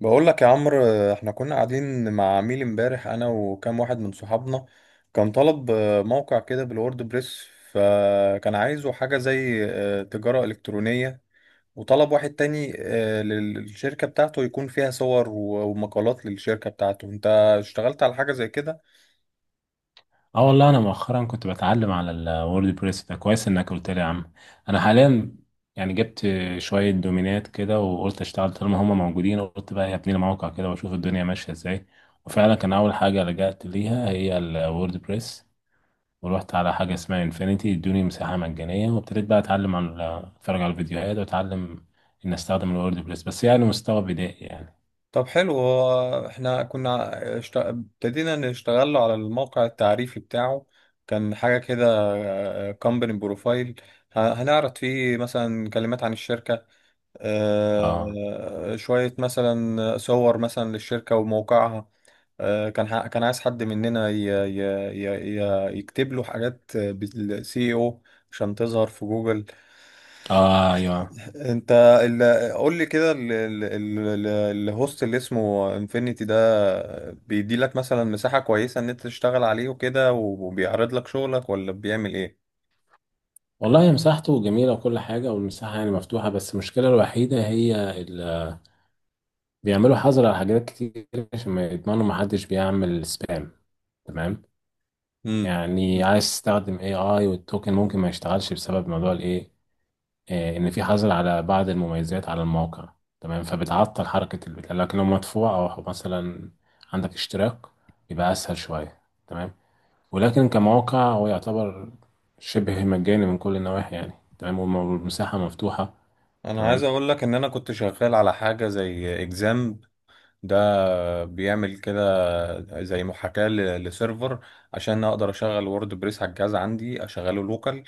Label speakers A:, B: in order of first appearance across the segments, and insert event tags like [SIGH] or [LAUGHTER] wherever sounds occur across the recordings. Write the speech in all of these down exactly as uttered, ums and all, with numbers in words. A: بقول لك يا عمرو، احنا كنا قاعدين مع عميل امبارح انا وكام واحد من صحابنا. كان طلب آه، موقع كده بالورد بريس، فكان عايزه حاجة زي آه، تجارة إلكترونية. وطلب واحد تاني، آه، لل- للشركة بتاعته يكون فيها صور و- ومقالات للشركة بتاعته. انت اشتغلت على حاجة زي كده؟
B: اه، والله انا مؤخرا كنت بتعلم على الورد بريس ده، كويس انك قلت لي يا عم. انا حاليا يعني جبت شويه دومينات كده، وقلت اشتغل طالما هما موجودين. قلت بقى هبني لي موقع كده واشوف الدنيا ماشيه ازاي. وفعلا كان اول حاجه لجأت ليها هي الورد بريس. ورحت على حاجه اسمها انفينيتي، ادوني مساحه مجانيه وابتديت بقى اتعلم على اتفرج على الفيديوهات واتعلم ان استخدم الورد بريس، بس يعني مستوى بدائي يعني.
A: طب حلو. هو احنا كنا اشت- ابتدينا نشتغل على الموقع التعريفي بتاعه. كان حاجة كده، كومباني بروفايل، هنعرض فيه مثلا كلمات عن الشركة،
B: اه،
A: آه، شوية مثلا صور مثلا للشركة وموقعها. آه، كان ح- كان عايز حد مننا ي- ي- ي- ي- يكتب له حاجات بالسي او عشان تظهر في جوجل.
B: اه، ايوه.
A: انت ال- قول لي كده، ال- ال- ال- ال- الهوست اللي اسمه انفينيتي ده بيدي لك مثلا مساحة كويسة ان انت تشتغل عليه وكده، وبيعرض لك شغلك ولا بيعمل ايه؟
B: والله هي مساحته جميلة وكل حاجة، والمساحة يعني مفتوحة. بس المشكلة الوحيدة هي ال... بيعملوا حظر على حاجات كتير عشان ما يضمنوا محدش بيعمل سبام. تمام.
A: امم
B: يعني عايز تستخدم اي اي والتوكن ممكن ما يشتغلش بسبب موضوع الايه، آه، ان في حظر على بعض المميزات على الموقع. تمام. فبتعطل حركة البتاع، لكن لو مدفوع او مثلا عندك اشتراك يبقى اسهل شوية. تمام. ولكن كموقع هو يعتبر شبه مجاني من كل النواحي يعني. تمام والم- والمساحة مفتوحة.
A: انا عايز
B: تمام.
A: اقول لك ان انا كنت شغال على حاجة زي اكزام. ده بيعمل كده زي محاكاة ل- لسيرفر عشان اقدر اشغل وورد بريس على الجهاز عندي، اشغله لوكال.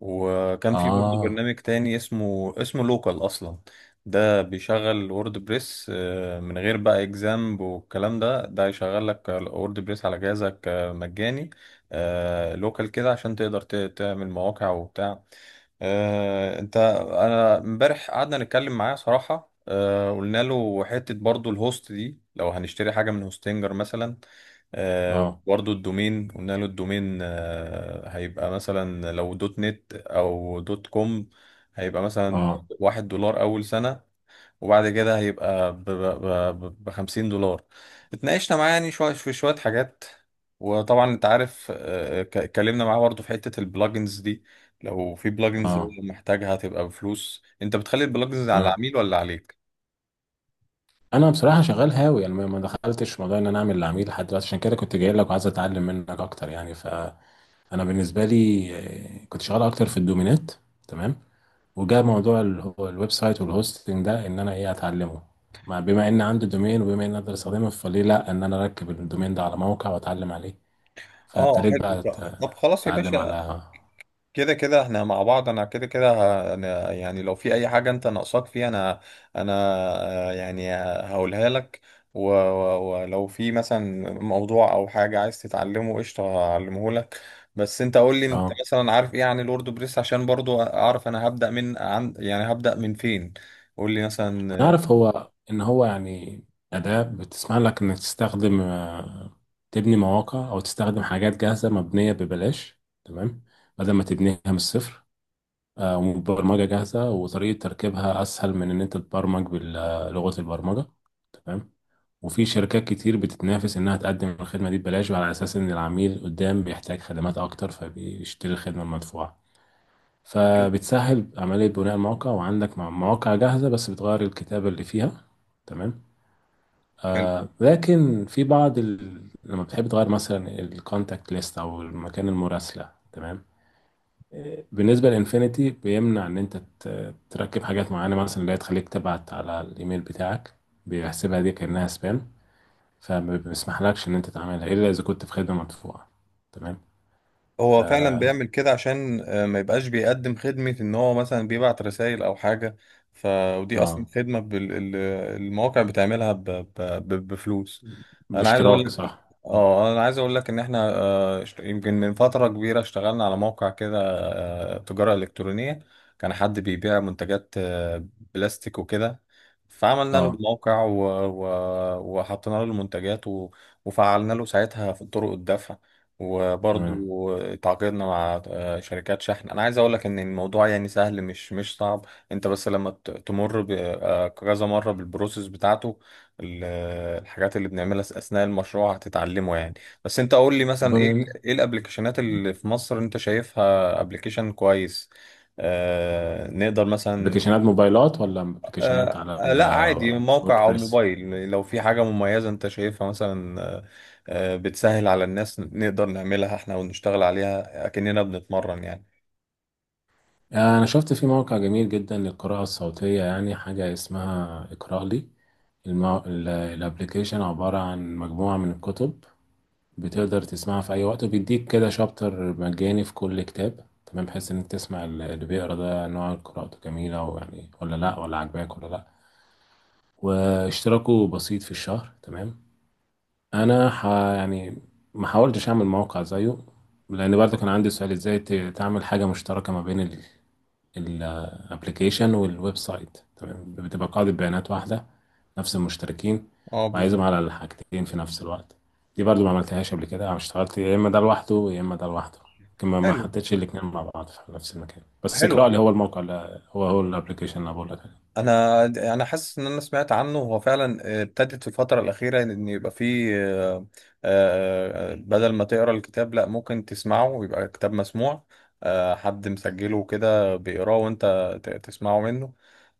A: وكان في برضه
B: اه،
A: برنامج تاني اسمه اسمه لوكال اصلا. ده بيشغل وورد بريس آه، من غير بقى اكزامب والكلام ده. ده يشغل لك وورد بريس على جهازك آه، مجاني، آه، لوكال كده، عشان تقدر ت- تعمل مواقع وبتاع. آه، انت انا امبارح قعدنا نتكلم معاه صراحة، آه، قلنا له حتة برضو الهوست دي، لو هنشتري حاجة من هوستنجر مثلا، آه،
B: اه،
A: برضو الدومين. قلنا له الدومين آه، هيبقى مثلا لو دوت نت او دوت كوم، هيبقى مثلا
B: اه،
A: واحد دولار اول سنة، وبعد كده هيبقى ب ب- ب- ب- خمسين دولار. اتناقشنا معاه يعني شوية في شوية حاجات. وطبعا انت عارف، آه، ك- اتكلمنا معاه برضه في حتة البلجنز دي، لو في بلجنز هو
B: اه.
A: محتاجها تبقى بفلوس، انت بتخلي البلجنز على
B: تمام.
A: العميل ولا عليك؟
B: انا بصراحه شغال هاوي يعني ما ما دخلتش في موضوع ان انا اعمل العميل لحد دلوقتي، عشان كده كنت جاي لك وعايز اتعلم منك اكتر يعني. فانا بالنسبه لي، آه، كنت شغال اكتر في الدومينات. تمام. وجاء موضوع ال- هو الويب سايت والهوستنج ده ان انا ايه اتعلمه. مع- بما ان عندي دومين وبما ان اقدر استخدمه، فليه لا ان انا اركب الدومين ده على موقع واتعلم عليه.
A: اه
B: فابتديت
A: حلو.
B: بقى أت-
A: طب خلاص يا
B: اتعلم
A: باشا،
B: على.
A: كده كده احنا مع بعض، انا كده كده ه- أنا يعني لو في اي حاجة انت ناقصاك فيها انا انا آه، يعني هقولها لك. و- و- ولو في مثلا موضوع او حاجة عايز تتعلمه، قشطة هعلمه لك. بس انت قول لي انت
B: اه،
A: مثلا عارف ايه عن الورد بريس، عشان برضو اعرف انا هبدأ من عن، يعني هبدأ من فين. قول لي مثلا.
B: هنعرف هو ان هو يعني اداة بتسمح لك انك تستخدم، آه، تبني مواقع او تستخدم حاجات جاهزة مبنية ببلاش. تمام. بدل ما تبنيها من الصفر. آه، وبرمجة جاهزة، وطريقة تركيبها اسهل من ان انت تبرمج بلغة البرمجة. تمام. وفي شركات كتير بتتنافس انها تقدم الخدمة دي ببلاش، وعلى اساس ان العميل قدام بيحتاج خدمات اكتر فبيشتري الخدمة المدفوعة. فبتسهل عملية بناء الموقع، وعندك مواقع جاهزة بس بتغير الكتابة اللي فيها. تمام.
A: آه،
B: آه لكن في بعض ال... لما بتحب تغير مثلا الكونتاكت ليست او مكان المراسله. تمام. آه، بالنسبه لانفينيتي، بيمنع ان انت ت- تركب حاجات معينه مثلا اللي هي تخليك تبعت على الايميل بتاعك. بيحسبها دي كانها سبام. فما بيسمحلكش ان انت تعملها الا اذا كنت في خدمه مدفوعه. تمام. ف
A: هو فعلا بيعمل كده عشان آه، ما يبقاش بيقدم خدمة ان هو مثلا بيبعت رسائل او حاجة. ف ودي اصلا
B: اه،
A: خدمة بال... ال- المواقع بتعملها ب... ب... ب... بفلوس. انا عايز اقول
B: باشتراك.
A: لك،
B: صح.
A: اه انا عايز اقول لك ان احنا، آه، اشت- يمكن من فترة كبيرة اشتغلنا على موقع كده، آه، تجارة الكترونية. كان حد بيبيع منتجات آه، بلاستيك وكده. فعملنا له
B: اه.
A: الموقع و... و... وحطينا له المنتجات و... وفعلنا له ساعتها في طرق الدفع،
B: تمام.
A: وبرضو تعاقدنا مع آه، شركات شحن. انا عايز اقول لك ان الموضوع يعني سهل، مش مش صعب. انت بس لما ت- تمر ب- آه، كذا مره بالبروسيس بتاعته، ال- آه، الحاجات اللي بنعملها اثناء المشروع هتتعلمه يعني. بس انت قول لي
B: طب،
A: مثلا، ايه ايه الابلكيشنات اللي في مصر انت شايفها ابلكيشن كويس؟ آه، نقدر مثلا،
B: ابلكيشنات موبايلات ولا ابلكيشنات
A: آه
B: على
A: آه، لا عادي، موقع او
B: الوردبريس؟
A: موبايل، لو في حاجة مميزة انت شايفها مثلا، آه آه، بتسهل على الناس نقدر نعملها احنا ونشتغل عليها اكننا بنتمرن يعني.
B: أنا شفت في موقع جميل جدا للقراءة الصوتية يعني، حاجة اسمها اقرأ لي. المو... ال- الابليكيشن عبارة عن مجموعة من الكتب. بتقدر تسمعها في أي وقت، وبيديك كده شابتر مجاني في كل كتاب. تمام. بحيث إنك تسمع ال- اللي بيقرأ ده نوع قراءته جميلة ويعني، ولا لأ، ولا عجباك ولا لأ. واشتراكه بسيط في الشهر. تمام. أنا ح... يعني ما حاولتش أعمل موقع زيه، لأن برضه كان عندي سؤال إزاي ت- تعمل حاجة مشتركة ما بين الابلكيشن والويب سايت. تمام. بتبقى قاعدة بيانات واحدة، نفس المشتركين
A: اه
B: وعايزهم
A: بالظبط.
B: على الحاجتين في نفس الوقت. دي برضو ما عملتهاش قبل كده. انا اشتغلت يا اما ده لوحده، يا اما ده لوحده. لكن ما ما
A: حلو،
B: حطيتش الاتنين مع بعض في نفس المكان. بس
A: حلو.
B: اقرا لي هو الموقع، اللي هو هو الابلكيشن اللي أنا بقول لك عليه.
A: انا انا حاسس ان انا سمعت عنه. هو فعلا آه، ابتدت في الفتره الاخيره ان يبقى فيه، آه، آه، آه، بدل ما تقرا الكتاب لا ممكن تسمعه ويبقى كتاب مسموع. آه، حد مسجله وكده بيقراه وانت ت- تسمعه منه.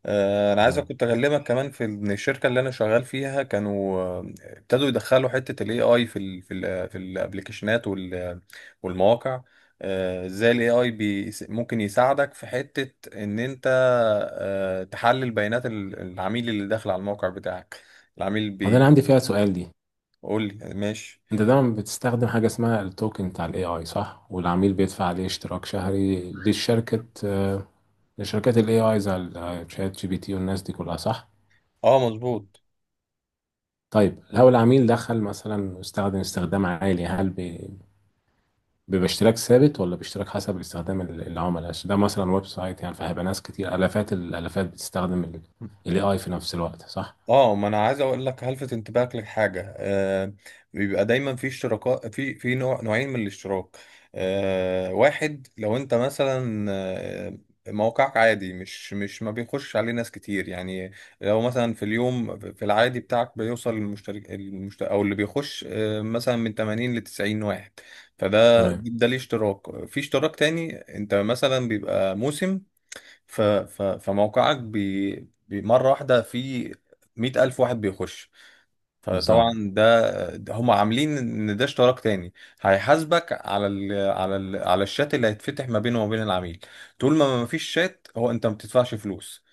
A: آه، انا عايز
B: مم.
A: كنت اكلمك كمان في ان الشركه اللي انا شغال فيها كانوا آه، ابتدوا يدخلوا حته الاي اي في ال في ال في الابلكيشنات وال- والمواقع. آه، ازاي الاي اي ممكن يساعدك في حته ان انت آه، تحلل بيانات ال- العميل اللي داخل على الموقع بتاعك. العميل
B: وده انا
A: بيقول
B: عندي فيها سؤال دي.
A: لي ماشي.
B: انت دايما بتستخدم حاجه اسمها التوكن بتاع الاي اي، صح؟ والعميل بيدفع عليه اشتراك شهري للشركه، آه، لشركات الاي اي زي الشات جي بي تي والناس دي كلها، صح؟
A: اه مظبوط.
B: طيب، لو العميل دخل مثلا واستخدم استخدام عالي، هل بي- بيبقى اشتراك ثابت ولا باشتراك حسب استخدام ال- العملاء، عشان ده مثلا ويب سايت يعني، فهيبقى ناس كتير الافات الالافات بتستخدم الاي اي في نفس الوقت، صح؟
A: اه، ما انا عايز اقول لك، هلفت انتباهك لحاجه. آه بيبقى دايما في اشتراكات، في في نوع نوعين من الاشتراك. آه واحد، لو انت مثلا آه، موقعك عادي، مش مش ما بيخش عليه ناس كتير يعني، لو مثلا في اليوم في العادي بتاعك بيوصل المشترك المشت... او اللي بيخش آه، مثلا من تمانين ل تسعين واحد، فده
B: تمام.
A: ده ليه اشتراك. في اشتراك تاني، انت مثلا بيبقى موسم، ف... ف... فموقعك بي... بي- مرة واحدة في مئة ألف واحد بيخش.
B: بالظبط.
A: فطبعا ده, ده هم عاملين إن ده اشتراك تاني، هيحاسبك على ال... على ال... على الشات اللي هيتفتح ما بينه وما بين العميل. طول ما ما فيش شات، هو أنت ما بتدفعش فلوس.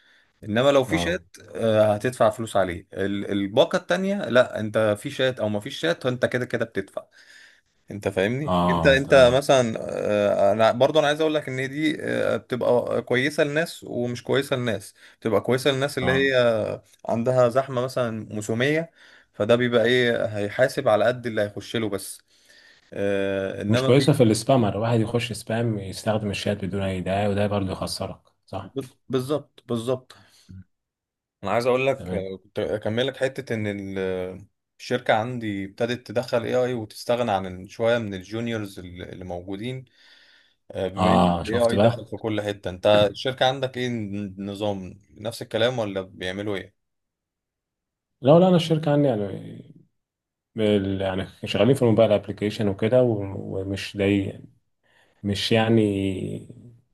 A: انما لو في
B: اه،
A: شات آه، هتدفع فلوس عليه. ال- الباقة التانية، لا انت في شات او ما فيش شات، انت كده كده بتدفع. انت فاهمني، انت
B: اه.
A: انت
B: تمام.
A: مثلا، آه، انا برضه انا عايز اقول لك ان دي آه، بتبقى كويسه لناس ومش كويسه لناس. بتبقى كويسه للناس اللي
B: اه،
A: هي عندها زحمه مثلا موسميه، فده بيبقى ايه، هيحاسب على قد اللي هيخش له بس. آه،
B: مش
A: انما في،
B: كويسه في السبامر، واحد يخش سبام يستخدم الشات بدون اي داعي، وده برضه يخسرك. صح.
A: بالظبط بالظبط. انا عايز اقول لك،
B: تمام.
A: آه، كنت اكمل لك حته ان ال- الشركه عندي ابتدت تدخل اي اي، وتستغنى عن شويه من الجونيورز اللي اللي موجودين. آه، بما ان
B: اه،
A: الاي
B: شفت
A: اي
B: بقى.
A: دخل في كل حتة، انت
B: [CLEARS THROAT]
A: الشركة عندك ايه النظام، نفس الكلام ولا بيعملوا ايه؟
B: لا، لا، انا الشركه عندي يعني، بال- يعني شغالين في الموبايل ابلكيشن وكده و- ومش ضايق، مش يعني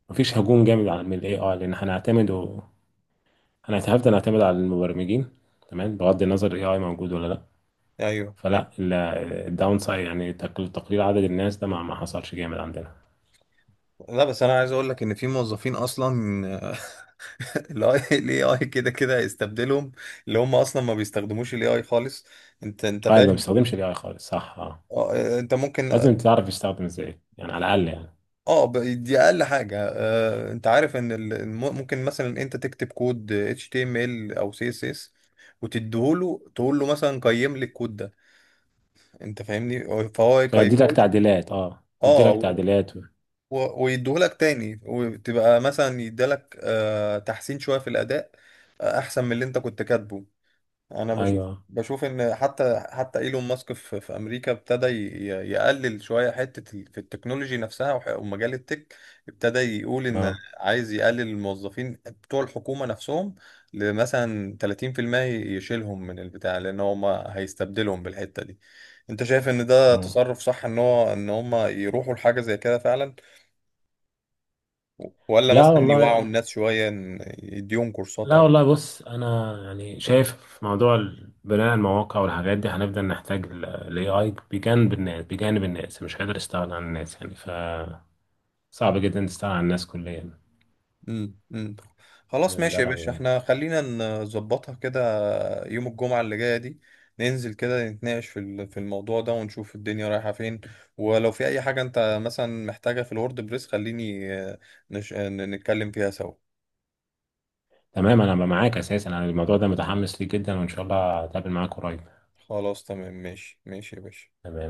B: مفيش هجوم جامد على من الاي اي، لان هنعتمد و... هنعتمد هنعتمد على المبرمجين. تمام، بغض النظر الاي اي موجود ولا لا.
A: ايوه، أيوة.
B: فلا، الداون سايد يعني تقل- تقليل عدد الناس ده ما ما حصلش جامد عندنا.
A: لا، بس انا عايز اقول لك ان في موظفين اصلا آه، [LAUGHS] الاي اي كده كده هيستبدلهم، اللي هم اصلا ما بيستخدموش الاي اي خالص. انت انت
B: اه، اللي ما
A: فاهم ان،
B: بيستخدمش الاي اي خالص، صح. اه،
A: اه، انت ممكن،
B: لازم تعرف يستخدم ازاي يعني، على الاقل يعني.
A: اه ب- دي اقل حاجه. آه انت عارف ان ال- الم- ممكن مثلا انت تكتب كود اتش تي ام ال او سي اس اس، وتديهوله تقول له مثلا قيم لي الكود ده، انت فاهمني، هو- فهو
B: فيدي لك
A: يقيمولك،
B: تعديلات. اه، يدي
A: اه
B: لك
A: و-
B: تعديلات و...
A: و- ويديهولك تاني، وتبقى مثلا يديلك آه تحسين شويه في الاداء، آه احسن من اللي انت كنت كاتبه. انا بشوف،
B: ايوه،
A: بشوف ان حتى حتى ايلون ماسك في, في امريكا ابتدى ي- ي- يقلل شويه حته ال- في التكنولوجي نفسها، وح- ومجال التك. ابتدى يقول ان
B: اه،
A: عايز يقلل الموظفين بتوع الحكومه نفسهم لمثلا ثلاثين في المية، يشيلهم من البتاع، لان هم هيستبدلهم بالحته دي. انت شايف ان ده
B: تمام.
A: تصرف صح ان هو ان هم يروحوا لحاجه زي كده فعلا، ولا
B: لا
A: مثلا يوعوا
B: والله.
A: الناس شويه إن يديهم كورسات؟
B: لا والله، بص انا يعني شايف في موضوع ال- بناء المواقع والحاجات دي، هنفضل نحتاج الاي اي بجانب الناس، بجانب الناس. مش قادر استغنى عن الناس يعني. ف صعب جدا تستغنى عن الناس كليا.
A: امم امم خلاص
B: تمام، ده
A: ماشي يا
B: رأيي
A: باشا،
B: يعني.
A: احنا خلينا نظبطها كده. يوم الجمعة اللي جاية دي ننزل كده نتناقش في ال- في الموضوع ده، ونشوف الدنيا رايحة فين. ولو في اي حاجة انت مثلا محتاجها في الورد بريس، خليني آه، نش... آه، نتكلم فيها سوا.
B: تمام، انا معاك اساسا، انا الموضوع ده متحمس ليه جدا، وان شاء الله هتقابل معاك قريب.
A: خلاص تمام. ماشي ماشي يا باشا.
B: تمام.